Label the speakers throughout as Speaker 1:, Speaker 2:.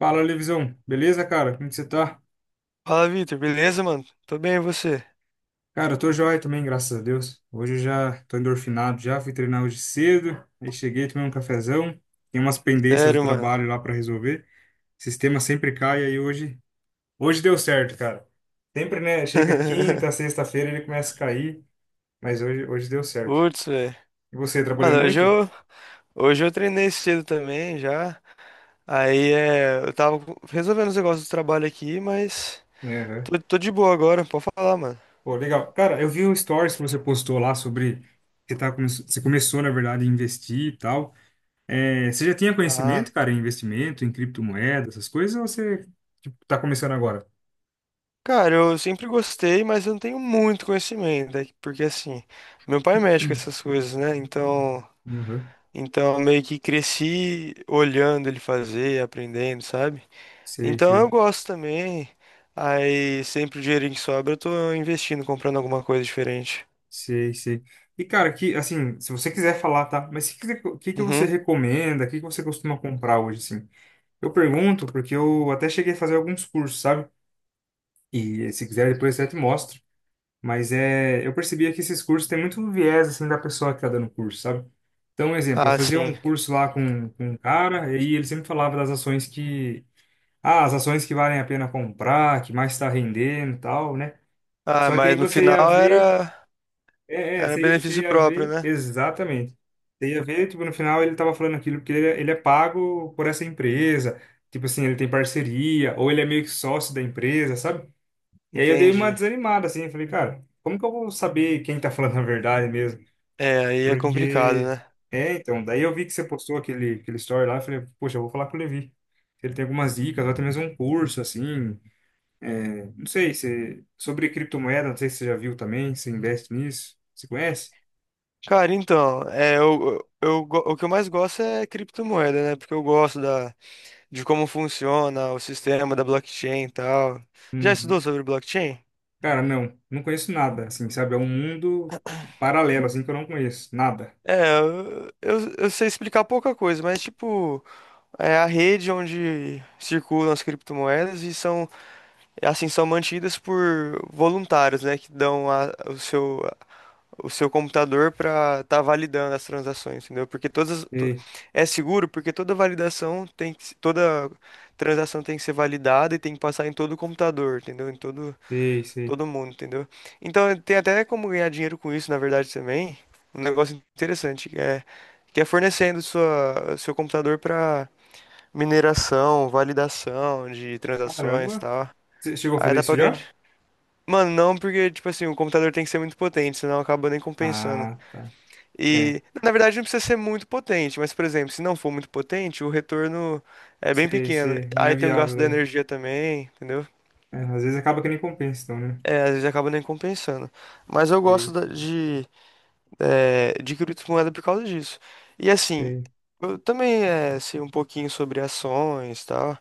Speaker 1: Fala, Levisão. Beleza, cara? Como que você tá?
Speaker 2: Fala, Vitor, beleza, mano? Tô bem, e você?
Speaker 1: Cara, eu tô joia também, graças a Deus. Hoje eu já tô endorfinado já, fui treinar hoje cedo, aí cheguei, tomei um cafezão, tem umas pendências do
Speaker 2: Sério, mano.
Speaker 1: trabalho lá pra resolver. O sistema sempre cai, aí hoje, deu certo, cara. Sempre, né? Chega quinta, sexta-feira ele começa a cair, mas hoje, deu certo.
Speaker 2: Putz, velho.
Speaker 1: E você,
Speaker 2: Mano,
Speaker 1: trabalhando muito?
Speaker 2: hoje eu treinei cedo também já. Eu resolvendo os negócios do trabalho aqui, mas
Speaker 1: Aham.
Speaker 2: tô de boa agora, pode falar, mano.
Speaker 1: Pô, legal. Cara, eu vi um stories que você postou lá sobre você começou, na verdade, a investir e tal. É, você já tinha
Speaker 2: Ah.
Speaker 1: conhecimento, cara, em investimento, em criptomoeda, essas coisas, ou você, tipo, tá começando agora?
Speaker 2: Cara, eu sempre gostei, mas eu não tenho muito conhecimento, né? Porque assim, meu pai mexe com essas coisas, né?
Speaker 1: Uhum.
Speaker 2: Então eu meio que cresci olhando ele fazer, aprendendo, sabe?
Speaker 1: Sei,
Speaker 2: Então eu
Speaker 1: sei,
Speaker 2: gosto também. Aí sempre o dinheirinho que sobra eu tô investindo, comprando alguma coisa diferente.
Speaker 1: sei, sei. E, cara, que, assim, se você quiser falar, tá? Mas o que, que que você
Speaker 2: Uhum.
Speaker 1: recomenda? O que, que você costuma comprar hoje, assim? Eu pergunto porque eu até cheguei a fazer alguns cursos, sabe? E se quiser, depois eu até te mostro. Mas é, eu percebia que esses cursos têm muito viés, assim, da pessoa que tá dando o curso, sabe? Então, um exemplo, eu
Speaker 2: Ah,
Speaker 1: fazia
Speaker 2: sim.
Speaker 1: um curso lá com um cara, e ele sempre falava das ações que, ah, as ações que valem a pena comprar, que mais está rendendo e tal, né?
Speaker 2: Ah,
Speaker 1: Só que aí
Speaker 2: mas no
Speaker 1: você ia
Speaker 2: final
Speaker 1: ver.
Speaker 2: era
Speaker 1: É, você, ia você
Speaker 2: benefício
Speaker 1: ia
Speaker 2: próprio,
Speaker 1: ver
Speaker 2: né?
Speaker 1: exatamente. Você ia ver, tipo, no final ele tava falando aquilo porque ele é pago por essa empresa. Tipo assim, ele tem parceria, ou ele é meio que sócio da empresa, sabe? E aí eu dei uma
Speaker 2: Entendi.
Speaker 1: desanimada, assim, eu falei, cara, como que eu vou saber quem tá falando a verdade mesmo?
Speaker 2: É, aí é complicado,
Speaker 1: Porque.
Speaker 2: né?
Speaker 1: É, então, daí eu vi que você postou aquele, aquele story lá, eu falei, poxa, eu vou falar com o Levi. Se ele tem algumas dicas, ou até mesmo um curso, assim. Não sei, você... Sobre criptomoeda, não sei se você já viu também, se investe nisso. Você conhece?
Speaker 2: Cara, então, é, o que eu mais gosto é criptomoeda, né? Porque eu gosto da, de como funciona o sistema da blockchain e tal. Já estudou
Speaker 1: Uhum.
Speaker 2: sobre blockchain?
Speaker 1: Cara, não, não conheço nada, assim, sabe? É um mundo paralelo, assim, que eu não conheço, nada.
Speaker 2: É, eu sei explicar pouca coisa, mas tipo. É a rede onde circulam as criptomoedas e são, assim, são mantidas por voluntários, né, que o seu computador para estar validando as transações, entendeu? Porque
Speaker 1: Sei,
Speaker 2: é seguro porque toda validação tem que, se- toda transação tem que ser validada e tem que passar em todo o computador, entendeu? Em todo,
Speaker 1: sei, sei.
Speaker 2: todo mundo, entendeu? Então tem até como ganhar dinheiro com isso, na verdade, também. Um negócio que é fornecendo sua, seu computador para mineração, validação de transações e
Speaker 1: Caramba,
Speaker 2: tal.
Speaker 1: você chegou a
Speaker 2: Aí
Speaker 1: fazer
Speaker 2: dá
Speaker 1: isso
Speaker 2: pra ganhar.
Speaker 1: já?
Speaker 2: de- Mano, não, porque, tipo assim, o computador tem que ser muito potente, senão acaba nem compensando.
Speaker 1: Ah, tá. É,
Speaker 2: E, na verdade, não precisa ser muito potente, mas, por exemplo, se não for muito potente, o retorno é bem
Speaker 1: sei,
Speaker 2: pequeno.
Speaker 1: sei, não
Speaker 2: Aí
Speaker 1: é
Speaker 2: tem o gasto
Speaker 1: viável
Speaker 2: da
Speaker 1: aí.
Speaker 2: energia também, entendeu?
Speaker 1: É, às vezes acaba que nem compensa, então, né?
Speaker 2: É, às vezes acaba nem compensando. Mas eu gosto
Speaker 1: Sei,
Speaker 2: da- de, é, de criptomoeda por causa disso. E assim,
Speaker 1: sei.
Speaker 2: eu também sei um pouquinho sobre ações e tal.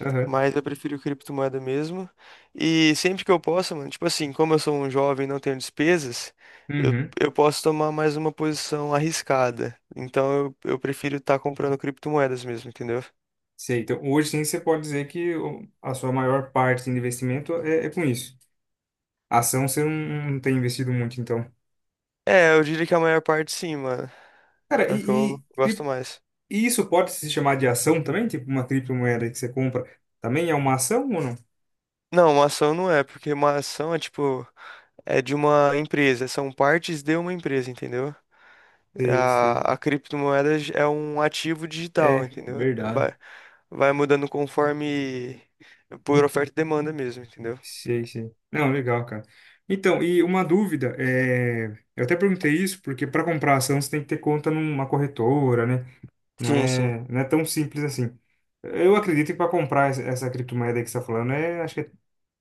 Speaker 1: Aham,
Speaker 2: Mas eu prefiro criptomoeda mesmo. E sempre que eu posso, mano, tipo assim, como eu sou um jovem e não tenho despesas,
Speaker 1: uhum.
Speaker 2: eu posso tomar mais uma posição arriscada. Então eu prefiro estar comprando criptomoedas mesmo, entendeu?
Speaker 1: Sei, então hoje sim você pode dizer que a sua maior parte assim, de investimento é com isso. Ação você não tem investido muito, então.
Speaker 2: É, eu diria que a maior parte sim, mano.
Speaker 1: Cara,
Speaker 2: É o que
Speaker 1: e,
Speaker 2: eu
Speaker 1: e,
Speaker 2: gosto
Speaker 1: cri-
Speaker 2: mais.
Speaker 1: e isso pode se chamar de ação também? Tipo, uma criptomoeda que você compra também é uma ação ou não?
Speaker 2: Não, uma ação não é, porque uma ação é tipo, é de uma empresa, são partes de uma empresa, entendeu?
Speaker 1: Sei, sei.
Speaker 2: A criptomoeda é um ativo digital,
Speaker 1: É,
Speaker 2: entendeu?
Speaker 1: verdade.
Speaker 2: Vai. Vai mudando conforme por oferta e demanda mesmo, entendeu?
Speaker 1: Sei, sei. Não, legal, cara. Então, e uma dúvida, é. Eu até perguntei isso porque para comprar ação você tem que ter conta numa corretora, né? Não
Speaker 2: Sim, sim.
Speaker 1: é, não é tão simples assim. Eu acredito que para comprar essa criptomoeda aí que você está falando, é, acho que é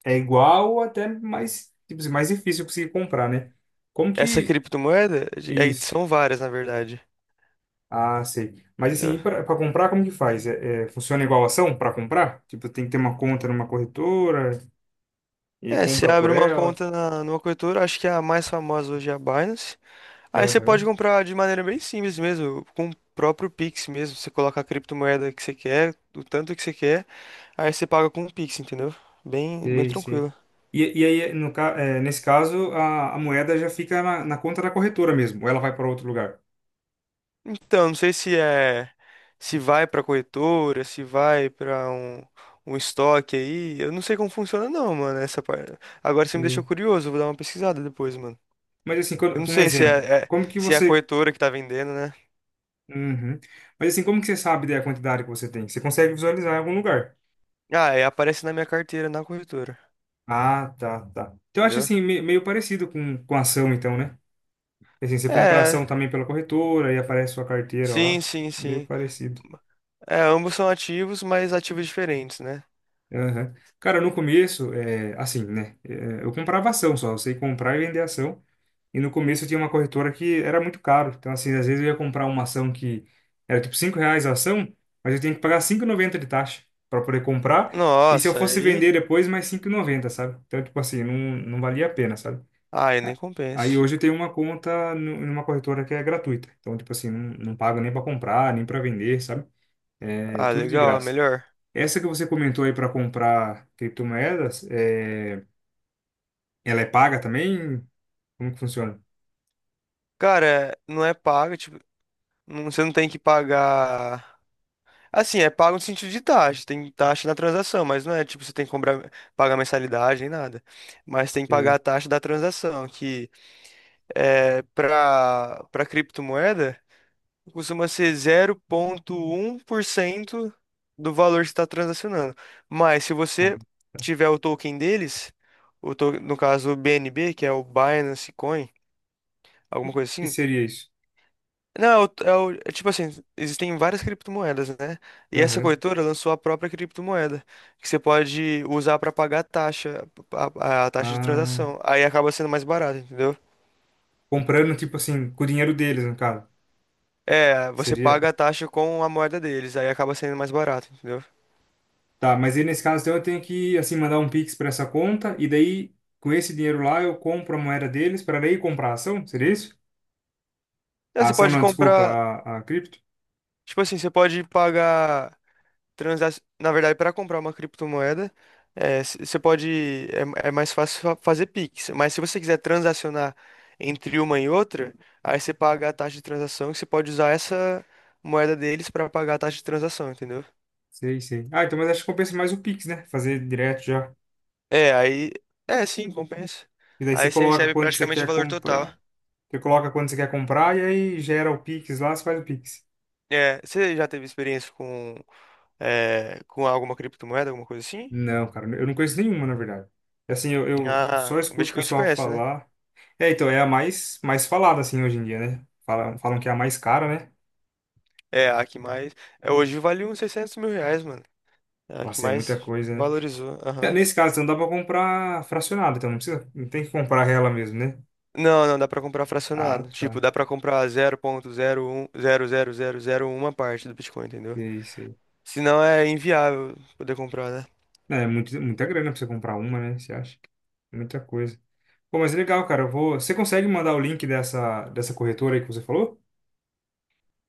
Speaker 1: é igual ou até mais, tipo, assim, mais difícil conseguir comprar, né? Como
Speaker 2: Essa
Speaker 1: que.
Speaker 2: aí
Speaker 1: Isso.
Speaker 2: são várias, na verdade.
Speaker 1: Ah, sei. Mas assim,
Speaker 2: Entendeu?
Speaker 1: e para comprar, como que faz? É, funciona igual ação para comprar? Tipo, tem que ter uma conta numa corretora e
Speaker 2: É, você
Speaker 1: compra por
Speaker 2: abre uma
Speaker 1: ela.
Speaker 2: conta numa corretora, acho que é a mais famosa hoje é a Binance. Aí você pode
Speaker 1: Aham,
Speaker 2: comprar de maneira bem simples mesmo, com o próprio Pix mesmo. Você coloca a criptomoeda que você quer, do tanto que você quer, aí você paga com o Pix, entendeu? Bem, bem
Speaker 1: sei, sei.
Speaker 2: tranquilo.
Speaker 1: E aí, no, ca- é, nesse caso, a moeda já fica na conta da corretora mesmo, ou ela vai para outro lugar.
Speaker 2: Então, não sei se é se vai pra um, um estoque aí. Eu não sei como funciona não, mano, essa parte. Agora você me deixou
Speaker 1: Sei.
Speaker 2: curioso, eu vou dar uma pesquisada depois, mano.
Speaker 1: Mas assim,
Speaker 2: Eu não
Speaker 1: quando, um
Speaker 2: sei
Speaker 1: exemplo, como que
Speaker 2: se é a
Speaker 1: você.
Speaker 2: corretora que tá vendendo, né?
Speaker 1: Uhum. Mas assim, como que você sabe da quantidade que você tem? Você consegue visualizar em algum lugar?
Speaker 2: Ah, é, aparece na minha carteira na corretora,
Speaker 1: Ah, tá, tá. Então, eu acho
Speaker 2: entendeu?
Speaker 1: assim, meio parecido com ação, então, né? E assim, você compra
Speaker 2: É,
Speaker 1: ação também pela corretora e aparece sua carteira
Speaker 2: sim,
Speaker 1: lá.
Speaker 2: sim,
Speaker 1: Meio
Speaker 2: sim.
Speaker 1: parecido.
Speaker 2: É, ambos são ativos, mas ativos diferentes, né?
Speaker 1: Aham. Cara, no começo, é, assim, né? É, eu comprava ação só. Eu sei comprar e vender ação. E no começo eu tinha uma corretora que era muito caro. Então, assim, às vezes eu ia comprar uma ação que era tipo R$ 5 a ação, mas eu tinha que pagar 5,90 de taxa para poder comprar. E se eu
Speaker 2: Nossa,
Speaker 1: fosse
Speaker 2: aí,
Speaker 1: vender depois, mais 5,90, sabe? Então, tipo assim, não, não valia a pena, sabe?
Speaker 2: aí nem
Speaker 1: Aí
Speaker 2: compensa.
Speaker 1: hoje eu tenho uma conta numa corretora que é gratuita. Então, tipo assim, não, não pago nem para comprar, nem para vender, sabe? É
Speaker 2: Ah,
Speaker 1: tudo de
Speaker 2: legal,
Speaker 1: graça.
Speaker 2: melhor.
Speaker 1: Essa que você comentou aí para comprar criptomoedas, é, ela é paga também? Como que funciona?
Speaker 2: Cara, não é paga, tipo. Não. Você não tem que pagar. Assim, é pago no sentido de taxa. Tem taxa na transação, mas não é tipo você tem que comprar, pagar mensalidade nem nada. Mas tem que pagar a
Speaker 1: É,
Speaker 2: taxa da transação, que é para criptomoeda costuma ser 0,1% do valor que você está transacionando. Mas se
Speaker 1: ah,
Speaker 2: você
Speaker 1: tá.
Speaker 2: tiver o token deles, no caso o BNB, que é o Binance Coin,
Speaker 1: Que
Speaker 2: alguma coisa
Speaker 1: que
Speaker 2: assim.
Speaker 1: seria isso?
Speaker 2: Não, é tipo assim, existem várias criptomoedas, né? E essa
Speaker 1: Aham.
Speaker 2: corretora lançou a própria criptomoeda, que você pode usar para pagar a taxa, a taxa de
Speaker 1: Ah,
Speaker 2: transação. Aí acaba sendo mais barato, entendeu?
Speaker 1: comprando, tipo assim, com o dinheiro deles, no caso.
Speaker 2: É, você
Speaker 1: Seria.
Speaker 2: paga a taxa com a moeda deles, aí acaba sendo mais barato, entendeu?
Speaker 1: Tá, mas aí nesse caso então, eu tenho que, assim, mandar um Pix para essa conta e daí, com esse dinheiro lá, eu compro a moeda deles para daí comprar a ação? Seria isso?
Speaker 2: Não,
Speaker 1: A
Speaker 2: você
Speaker 1: ação
Speaker 2: pode
Speaker 1: não, desculpa,
Speaker 2: comprar,
Speaker 1: a cripto?
Speaker 2: tipo assim, você pode pagar. Na verdade, para comprar uma criptomoeda, você pode, é mais fácil fazer Pix. Mas se você quiser transacionar entre uma e outra, aí você paga a taxa de transação e você pode usar essa moeda deles para pagar a taxa de transação, entendeu?
Speaker 1: Sei, sei. Ah, então, mas acho que compensa mais o Pix, né? Fazer direto já.
Speaker 2: É, aí, é sim, compensa.
Speaker 1: E daí você
Speaker 2: Aí você
Speaker 1: coloca
Speaker 2: recebe
Speaker 1: quando você
Speaker 2: praticamente o
Speaker 1: quer
Speaker 2: valor total.
Speaker 1: comprar. Você coloca quando você quer comprar e aí gera o Pix lá, você faz o Pix.
Speaker 2: É, você já teve experiência com, é, com alguma criptomoeda, alguma coisa assim?
Speaker 1: Não, cara, eu não conheço nenhuma, na verdade. Assim, eu
Speaker 2: Ah,
Speaker 1: só
Speaker 2: o
Speaker 1: escuto o
Speaker 2: Bitcoin você
Speaker 1: pessoal
Speaker 2: conhece, né?
Speaker 1: falar. É, então, é a mais, mais falada, assim, hoje em dia, né? Falam que é a mais cara, né?
Speaker 2: É, a que mais. É, hoje vale uns 600 mil reais, mano. É a que
Speaker 1: Nossa, é
Speaker 2: mais
Speaker 1: muita coisa, né?
Speaker 2: valorizou.
Speaker 1: É,
Speaker 2: Aham.
Speaker 1: nesse caso, então dá pra comprar fracionado, então não precisa, não tem que comprar ela mesmo, né?
Speaker 2: Não, não, dá pra comprar
Speaker 1: Ah,
Speaker 2: fracionado.
Speaker 1: tá.
Speaker 2: Tipo, dá pra comprar um um 0.01000001 parte do Bitcoin, entendeu?
Speaker 1: Sei, sei.
Speaker 2: Senão é inviável poder comprar, né?
Speaker 1: É, muito, muita grana pra você comprar uma, né? Você acha? Muita coisa. Pô, mas é legal, cara. Você consegue mandar o link dessa, dessa corretora aí que você falou?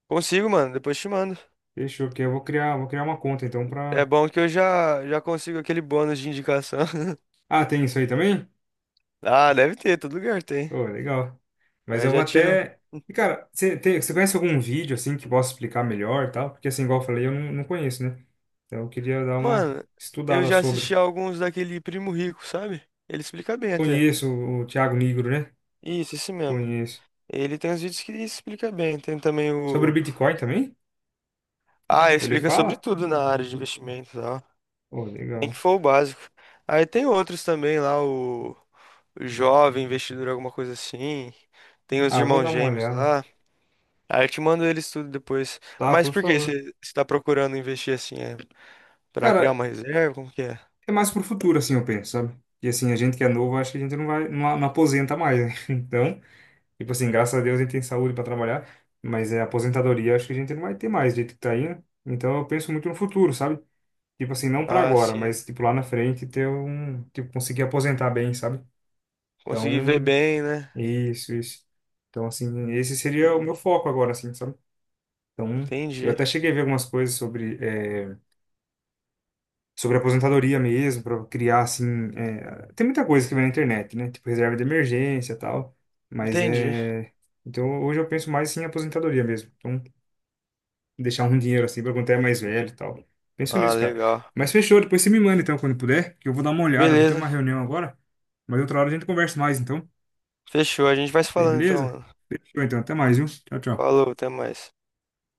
Speaker 2: Consigo, mano, depois te mando.
Speaker 1: Fechou, que eu vou criar uma conta então
Speaker 2: É
Speaker 1: pra.
Speaker 2: bom que eu já consigo aquele bônus de indicação.
Speaker 1: Ah, tem isso aí também?
Speaker 2: Ah, deve ter, todo lugar tem.
Speaker 1: Pô, legal. Mas
Speaker 2: Aí
Speaker 1: eu vou
Speaker 2: já tiro.
Speaker 1: até. E, cara, você conhece algum vídeo assim que possa explicar melhor e tal? Porque assim, igual eu falei, eu não, não conheço, né? Então eu queria dar uma
Speaker 2: Mano, eu
Speaker 1: estudada
Speaker 2: já
Speaker 1: sobre.
Speaker 2: assisti alguns daquele Primo Rico, sabe? Ele explica bem até.
Speaker 1: Conheço o Thiago Nigro, né?
Speaker 2: Isso, esse mesmo.
Speaker 1: Conheço.
Speaker 2: Ele tem uns vídeos que explica bem. Tem também
Speaker 1: Sobre o
Speaker 2: o.
Speaker 1: Bitcoin também?
Speaker 2: Ah,
Speaker 1: Ele
Speaker 2: explica sobre
Speaker 1: fala?
Speaker 2: tudo na área de investimentos, ó.
Speaker 1: Pô,
Speaker 2: Nem que
Speaker 1: legal.
Speaker 2: for o básico. Aí tem outros também lá, o jovem investidor, alguma coisa assim. Tem os
Speaker 1: Ah, vou
Speaker 2: irmãos
Speaker 1: dar uma
Speaker 2: gêmeos
Speaker 1: olhada.
Speaker 2: lá. Aí eu te mando eles tudo depois.
Speaker 1: Tá,
Speaker 2: Mas
Speaker 1: por
Speaker 2: por que
Speaker 1: favor.
Speaker 2: você está procurando investir assim? É para criar
Speaker 1: Cara,
Speaker 2: uma reserva? Como que é?
Speaker 1: é mais pro futuro, assim, eu penso, sabe? E assim, a gente que é novo, acho que a gente não vai, não, não aposenta mais, né? Então, tipo assim, graças a Deus a gente tem saúde pra trabalhar, mas é aposentadoria, acho que a gente não vai ter mais, do jeito que tá aí, né? Então, eu penso muito no futuro, sabe? Tipo assim, não pra
Speaker 2: Ah,
Speaker 1: agora,
Speaker 2: sim.
Speaker 1: mas tipo lá na frente ter um, tipo, conseguir aposentar bem, sabe?
Speaker 2: Consegui ver
Speaker 1: Então,
Speaker 2: bem, né?
Speaker 1: isso, isso. Então, assim, esse seria o meu foco agora, assim, sabe? Então, eu
Speaker 2: Entendi.
Speaker 1: até cheguei a ver algumas coisas sobre aposentadoria mesmo, para criar assim. Tem muita coisa que vem na internet, né? Tipo reserva de emergência e tal. Mas
Speaker 2: Entendi.
Speaker 1: é. Então hoje eu penso mais assim, em aposentadoria mesmo. Então, deixar um dinheiro assim para quando é mais velho e tal. Penso
Speaker 2: Ah,
Speaker 1: nisso, cara.
Speaker 2: legal.
Speaker 1: Mas fechou, depois você me manda então quando puder, que eu vou dar uma olhada, vou ter
Speaker 2: Beleza.
Speaker 1: uma reunião agora. Mas outra hora a gente conversa mais, então.
Speaker 2: Fechou. A gente vai se falando então,
Speaker 1: Beleza?
Speaker 2: mano.
Speaker 1: Fechou então, até mais, viu? Tchau, tchau.
Speaker 2: Falou, até mais.